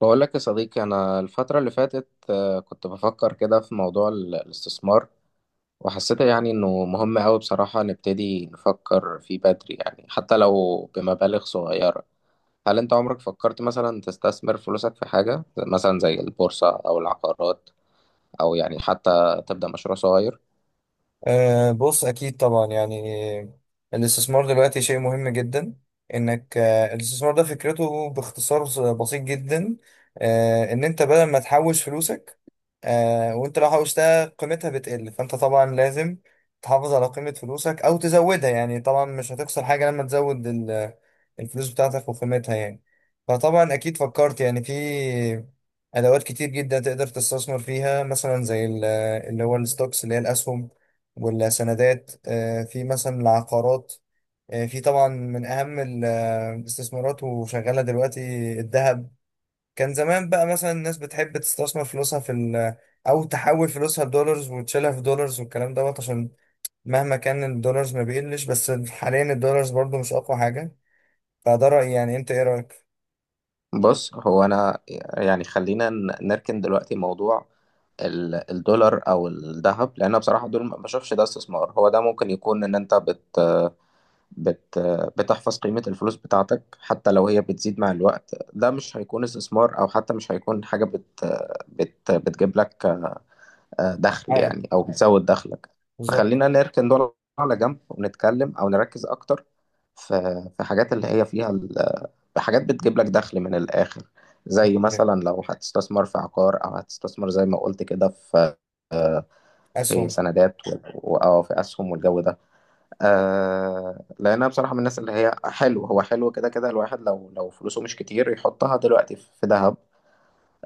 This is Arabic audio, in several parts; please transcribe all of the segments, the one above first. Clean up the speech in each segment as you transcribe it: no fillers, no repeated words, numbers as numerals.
بقول لك يا صديقي، أنا الفترة اللي فاتت كنت بفكر كده في موضوع الاستثمار. وحسيت يعني إنه مهم أوي، بصراحة نبتدي نفكر فيه بدري، يعني حتى لو بمبالغ صغيرة. هل أنت عمرك فكرت مثلا تستثمر فلوسك في حاجة مثلا زي البورصة أو العقارات، أو يعني حتى تبدأ مشروع صغير؟ بص أكيد طبعا يعني الاستثمار دلوقتي شيء مهم جدا. إنك أه الاستثمار ده فكرته باختصار بسيط جدا. إن أنت بدل ما تحوش فلوسك، وأنت لو حوشتها قيمتها بتقل، فأنت طبعا لازم تحافظ على قيمة فلوسك أو تزودها، يعني طبعا مش هتخسر حاجة لما تزود الفلوس بتاعتك وقيمتها يعني. فطبعا أكيد فكرت يعني في أدوات كتير جدا تقدر تستثمر فيها، مثلا زي اللي هو الستوكس، اللي هي الأسهم، ولا سندات، في مثلا العقارات، في طبعا من أهم الاستثمارات وشغالة دلوقتي الذهب. كان زمان بقى مثلا الناس بتحب تستثمر فلوسها في أو تحول فلوسها لدولارز وتشيلها في دولارز والكلام دوت، عشان مهما كان الدولارز ما بيقلش، بس حاليا الدولارز برضو مش أقوى حاجة. فده رأيي، يعني أنت إيه رأيك؟ بص، هو أنا يعني خلينا نركن دلوقتي موضوع الدولار او الذهب، لان بصراحه دول ما بشوفش ده استثمار. هو ده ممكن يكون ان انت بت بت بتحفظ قيمة الفلوس بتاعتك حتى لو هي بتزيد مع الوقت. ده مش هيكون استثمار، أو حتى مش هيكون حاجة بت بت بتجيب لك دخل، عائد. يعني أو بتزود دخلك. بالظبط. فخلينا نركن دول على جنب، ونتكلم أو نركز أكتر في حاجات اللي هي فيها حاجات بتجيب لك دخل من الآخر، زي مثلا لو هتستثمر في عقار، أو هتستثمر زي ما قلت كده في، آه، في أسهم. سندات أو في أسهم والجو ده. لأنها بصراحة من الناس اللي هي حلو، هو حلو كده كده، الواحد لو فلوسه مش كتير يحطها دلوقتي في ذهب.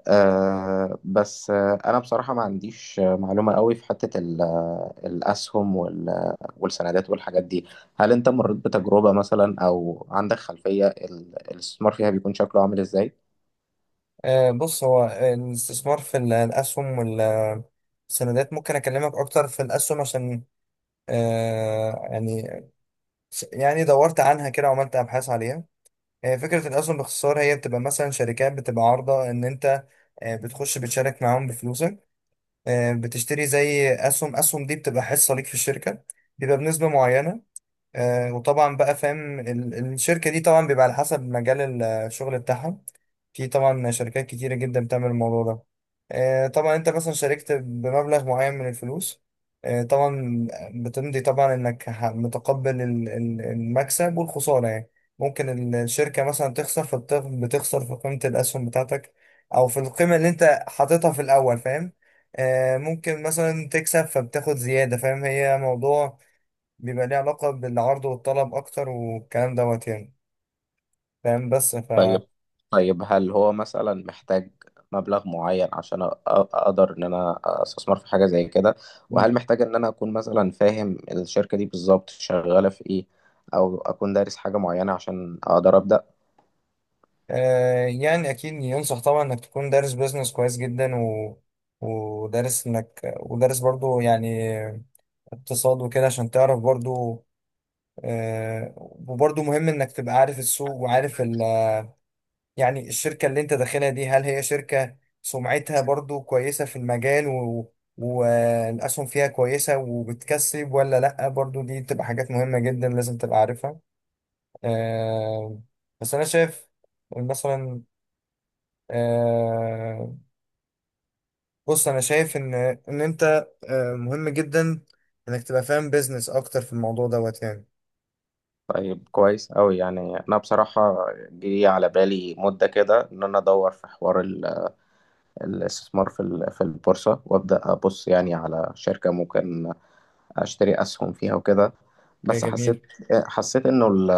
بس أنا بصراحة ما عنديش معلومة قوي في حتة الأسهم والسندات والحاجات دي. هل أنت مريت بتجربة مثلا، أو عندك خلفية الاستثمار فيها بيكون شكله عامل إزاي؟ بص، هو الاستثمار في الأسهم والسندات ممكن أكلمك أكتر في الأسهم، عشان آه يعني يعني دورت عنها كده وعملت ابحاث عليها. فكره الاسهم باختصار هي بتبقى مثلا شركات بتبقى عارضه ان انت بتخش بتشارك معاهم بفلوسك، بتشتري زي اسهم، دي بتبقى حصه ليك في الشركه، بيبقى بنسبه معينه. وطبعا بقى فاهم الشركة دي طبعا بيبقى على حسب مجال الشغل بتاعها. في طبعا شركات كتيرة جدا بتعمل الموضوع ده. طبعا انت مثلا شاركت بمبلغ معين من الفلوس، طبعا بتمضي طبعا انك متقبل المكسب والخسارة يعني. ممكن الشركة مثلا تخسر، بتخسر في قيمة الأسهم بتاعتك، أو في القيمة اللي انت حاططها في الأول، فاهم. ممكن مثلا تكسب فبتاخد زيادة، فاهم، هي موضوع بيبقى ليه علاقة بالعرض والطلب أكتر والكلام دوت يعني، فاهم. بس ف طيب، طيب، هل هو مثلا محتاج مبلغ معين عشان اقدر ان انا استثمر في حاجه زي كده؟ وهل محتاج ان انا اكون مثلا فاهم الشركه دي بالظبط شغاله في ايه، او اكون دارس حاجه معينه عشان اقدر ابدا؟ آه يعني أكيد ينصح طبعا إنك تكون دارس بيزنس كويس جدا و... ودارس إنك ودارس برضو يعني اقتصاد وكده عشان تعرف برضو. وبرضو مهم إنك تبقى عارف السوق، وعارف يعني الشركة اللي انت داخلها دي هل هي شركة سمعتها برضو كويسة في المجال، والأسهم فيها كويسة وبتكسب ولا لأ، برضو دي بتبقى حاجات مهمة جدا لازم تبقى عارفها. آه... بس أنا شايف مثلا. آه... بص أنا شايف إن أنت مهم جدا إنك تبقى فاهم بيزنس أكتر في الموضوع دوت يعني. طيب، كويس أوي. يعني انا بصراحه جه على بالي مده كده ان انا ادور في حوار الاستثمار في في البورصه، وابدا ابص يعني على شركه ممكن اشتري اسهم فيها وكده، اوكي بس حسيت جميل. حسيت انه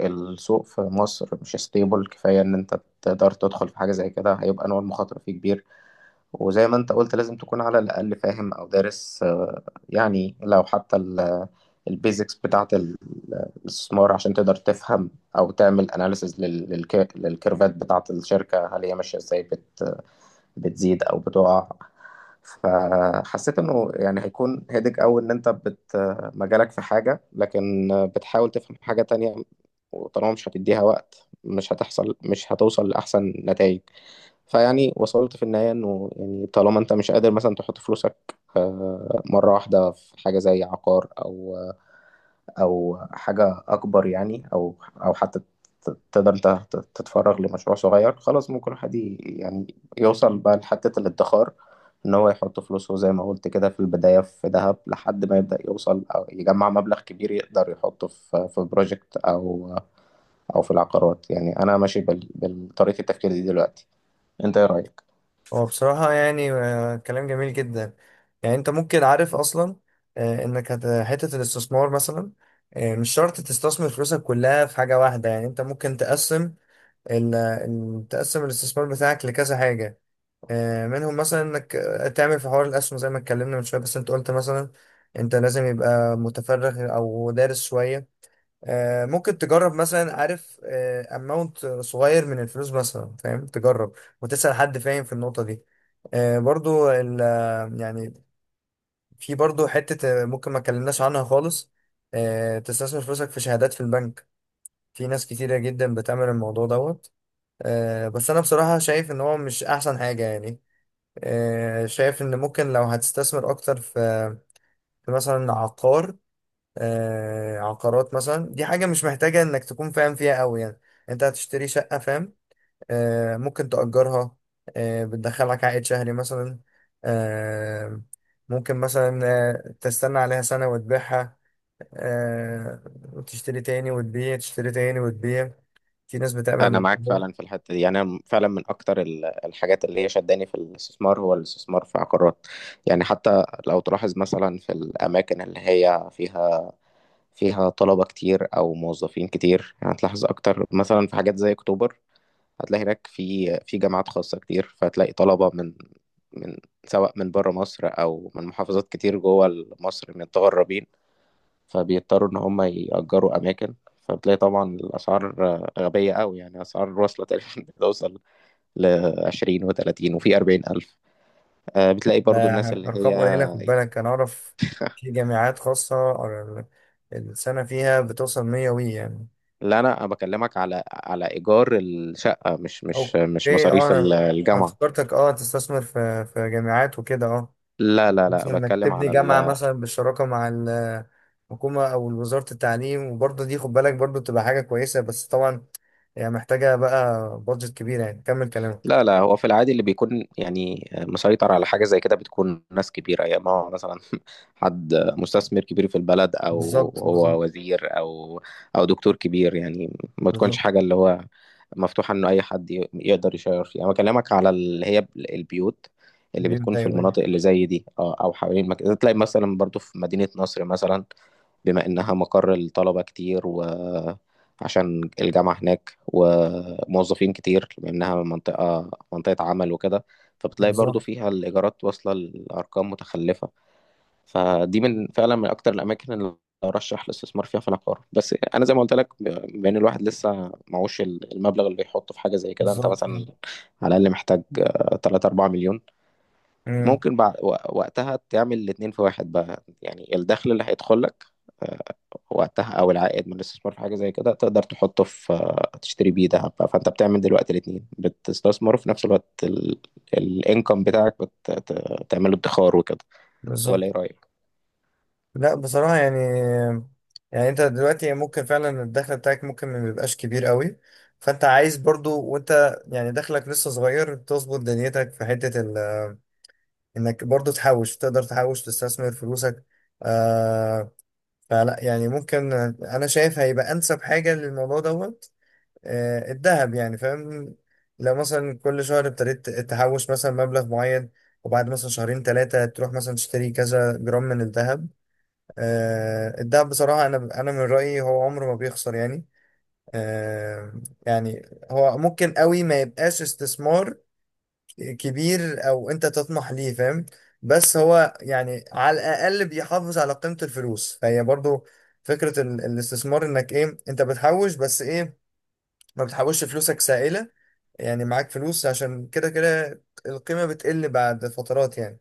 السوق في مصر مش ستيبل كفايه ان انت تقدر تدخل في حاجه زي كده. هيبقى نوع المخاطره فيه كبير، وزي ما انت قلت لازم تكون على الاقل فاهم او دارس. يعني لو حتى البيزكس بتاعه الاستثمار، عشان تقدر تفهم او تعمل اناليسز للكيرفات بتاعه الشركه هل هي ماشيه ازاي، بتزيد او بتقع. فحسيت انه يعني هيكون هيدج قوي ان انت مجالك في حاجه، لكن بتحاول تفهم حاجه تانية، وطالما مش هتديها وقت مش هتوصل لاحسن نتائج. فيعني وصلت في النهايه انه يعني طالما انت مش قادر مثلا تحط فلوسك مره واحده في حاجه زي عقار، او حاجه اكبر يعني، او حتى تقدر انت تتفرغ لمشروع صغير، خلاص ممكن الواحد يعني يوصل بقى لحتة الادخار، إن هو يحط فلوسه زي ما قلت كده في البداية في ذهب لحد ما يبدأ يوصل أو يجمع مبلغ كبير يقدر يحطه في بروجكت أو في العقارات، يعني أنا ماشي بطريقة التفكير دي دلوقتي. أنت إيه رأيك؟ هو بصراحة يعني كلام جميل جدا. يعني انت ممكن عارف اصلا، انك حتة الاستثمار مثلا. مش شرط تستثمر فلوسك كلها في حاجة واحدة، يعني انت ممكن تقسم، تقسم الاستثمار بتاعك لكذا حاجة، منهم مثلا انك تعمل في حوار الاسهم زي ما اتكلمنا من شوية، بس انت قلت مثلا انت لازم يبقى متفرغ او دارس شوية. ممكن تجرب مثلا، عارف، اماونت صغير من الفلوس مثلا، فاهم، تجرب وتسأل حد فاهم في النقطة دي. برضو يعني في برضو حتة، ممكن ما اتكلمناش عنها خالص. تستثمر فلوسك في شهادات في البنك، في ناس كتيرة جدا بتعمل الموضوع دوت. بس انا بصراحة شايف ان هو مش احسن حاجة يعني. شايف ان ممكن لو هتستثمر اكتر في مثلا عقار. عقارات مثلا، دي حاجة مش محتاجة انك تكون فاهم فيها قوي يعني. انت هتشتري شقة، فاهم، ممكن تأجرها، بتدخلك عائد شهري مثلا، آه، ممكن مثلا تستنى عليها سنة وتبيعها، آه، وتشتري تاني وتبيع، تشتري تاني وتبيع. في ناس بتعمل أنا الموضوع معاك ده. فعلا في الحتة دي، يعني أنا فعلا من أكتر الحاجات اللي هي شداني في الاستثمار هو الاستثمار في عقارات. يعني حتى لو تلاحظ مثلا في الأماكن اللي هي فيها طلبة كتير أو موظفين كتير، هتلاحظ أكتر مثلا في حاجات زي أكتوبر. هتلاقي هناك في جامعات خاصة كتير، فهتلاقي طلبة من سواء من بره مصر أو من محافظات كتير جوه مصر متغربين. فبيضطروا إن هم يأجروا أماكن، فبتلاقي طبعا الأسعار غبية أوي، يعني أسعار واصلة تقريبا بتوصل ل20 و30 وفي 40,000. بتلاقي ده برضو الناس اللي هي. أرقام قليلة في بالك، أنا أعرف. في جامعات خاصة، السنة فيها بتوصل 100 وي يعني. لا، أنا بكلمك على إيجار الشقة، مش اوكي، مصاريف انا الجامعة. افتكرتك، تستثمر في جامعات وكده اه لا، لا، لا، مثلا انك بتكلم تبني على جامعه مثلا بالشراكه مع الحكومه او وزاره التعليم، وبرضه دي خد بالك برضه تبقى حاجه كويسه، بس طبعا هي محتاجه بقى بادجت كبيره يعني. كمل كلامك. لا، لا، هو في العادي اللي بيكون يعني مسيطر على حاجة زي كده بتكون ناس كبيرة، يا ما هو مثلا حد مستثمر كبير في البلد أو بالظبط. بالظبط. هو وزير أو دكتور كبير، يعني ما تكونش بالظبط. حاجة اللي هو مفتوحة إنه أي حد يقدر يشير فيها. أنا بكلمك على اللي هي البيوت اللي بتكون بيبدأ. في ايوه، أيوة. المناطق اللي زي دي أو حوالين المكان، تلاقي مثلا برضو في مدينة نصر مثلا، بما إنها مقر الطلبة كتير وعشان الجامعة هناك وموظفين كتير، بما إنها منطقة عمل وكده، فبتلاقي برضو بالظبط. فيها الإيجارات واصلة لأرقام متخلفة. فدي من فعلا من أكتر الأماكن اللي أرشح الاستثمار فيها في العقار، بس أنا زي ما قلت لك، بما إن الواحد لسه معهوش المبلغ اللي يحطه في حاجة زي كده. أنت بالظبط مثلا يعني. على الأقل محتاج 3 4 مليون. امم. ممكن بعد وقتها تعمل الاتنين في واحد بقى، يعني الدخل اللي هيدخل لك آه، وقتها، او العائد من الاستثمار في حاجه زي كده، تقدر تحطه في، تشتري بيه دهب بقى. فانت بتعمل دلوقتي الاتنين، بتستثمر وفي نفس الوقت الانكم بتاعك بتعمله ادخار وكده، ولا بالظبط. ايه رايك؟ لا، بصراحة يعني. يعني انت دلوقتي ممكن فعلا الدخل بتاعك ممكن ما بيبقاش كبير قوي، فانت عايز برضو وانت يعني دخلك لسه صغير تظبط دنيتك في حتة انك برضو تحوش، تقدر تحوش تستثمر فلوسك. آه فلا يعني ممكن، انا شايف هيبقى انسب حاجة للموضوع دوت الذهب يعني، فاهم. لو مثلا كل شهر ابتديت تحوش مثلا مبلغ معين، وبعد مثلا شهرين 3 تروح مثلا تشتري كذا جرام من الذهب. الدهب بصراحة، أنا من رأيي هو عمره ما بيخسر يعني. آه، يعني هو ممكن قوي ما يبقاش استثمار كبير أو أنت تطمح ليه، فاهم. بس هو يعني على الأقل بيحافظ على قيمة الفلوس، فهي برضو فكرة الاستثمار، إنك إيه، أنت بتحوش بس إيه، ما بتحوش فلوسك سائلة، يعني معاك فلوس عشان كده كده القيمة بتقل بعد فترات يعني،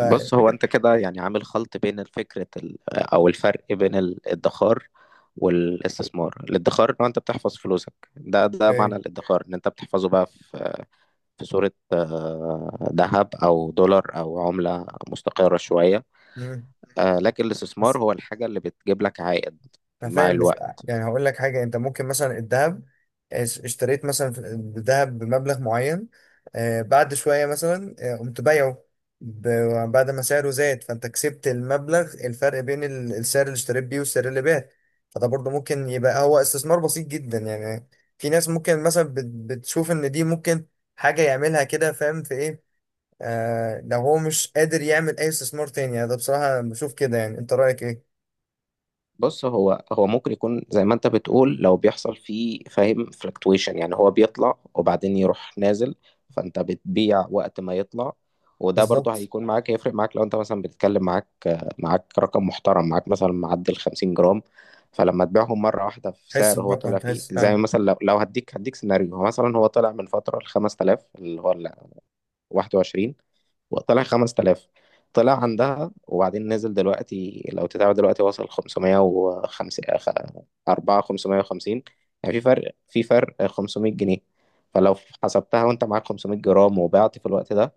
بص، هو انت كده يعني عامل خلط بين الفكرة او الفرق بين الادخار والاستثمار. الادخار ان هو انت بتحفظ فلوسك، ده إيه؟ معنى الادخار، ان انت بتحفظه بقى في صورة ذهب أو دولار أو عملة مستقرة شوية. مم. لكن الاستثمار هو الحاجة اللي بتجيب لك عائد انا مع فاهم بس، الوقت. يعني هقول لك حاجه، انت ممكن مثلا الذهب اشتريت مثلا الذهب بمبلغ معين، بعد شويه مثلا قمت بايعه، بعد ما سعره زاد، فانت كسبت المبلغ، الفرق بين السعر اللي اشتريت بيه والسعر اللي بعت، فده برضه ممكن يبقى هو استثمار بسيط جدا يعني. في ناس ممكن مثلا بتشوف ان دي ممكن حاجه يعملها كده، فاهم في ايه. لو هو مش قادر يعمل اي استثمار تاني يعني، ده بصراحه بشوف كده، يعني انت رايك ايه؟ بص، هو ممكن يكون زي ما انت بتقول، لو بيحصل فيه فاهم فلكتويشن يعني هو بيطلع وبعدين يروح نازل، فانت بتبيع وقت ما يطلع. وده برضه بالظبط. هيكون معاك، هيفرق معاك لو انت مثلا بتتكلم، معاك رقم محترم، معاك مثلا معدل 50 جرام. فلما تبيعهم مرة واحدة في سعر هو طلع فيه، تحس زي فعلا. مثلا لو هديك سيناريو. هو مثلا هو طلع من فترة ل 5000، اللي هو ال 21، طلع 5000، طلع عندها، وبعدين نزل دلوقتي. لو تتابع دلوقتي وصل 505 4 550، يعني في فرق 500 جنيه. فلو حسبتها وانت معاك 500 جرام وبعت في الوقت ده،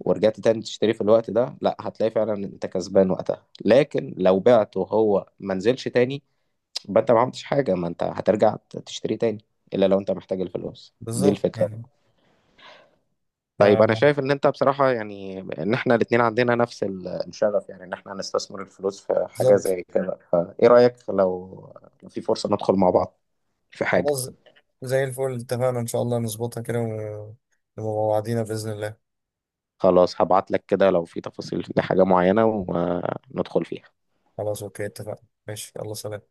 ورجعت تاني تشتري في الوقت ده، لا، هتلاقي فعلا ان انت كسبان وقتها. لكن لو بعت وهو ما نزلش تاني، يبقى انت ما عملتش حاجة، ما انت هترجع تشتري تاني، الا لو انت محتاج الفلوس دي، بالظبط الفكرة. يعني طيب، انا ف- شايف ان انت بصراحة يعني، ان احنا الاتنين عندنا نفس الشغف، يعني ان احنا هنستثمر الفلوس في حاجة بالظبط. زي كده، فايه رأيك لو في فرصة ندخل مع بعض في حاجة. خلاص، زي الفل، اتفقنا ان شاء الله نظبطها كده، ونبقى مع بعضينا بإذن الله. خلاص، هبعت لك كده لو في تفاصيل لحاجة معينة، وندخل فيها. خلاص، اوكي، اتفقنا، ماشي، يلا سلام.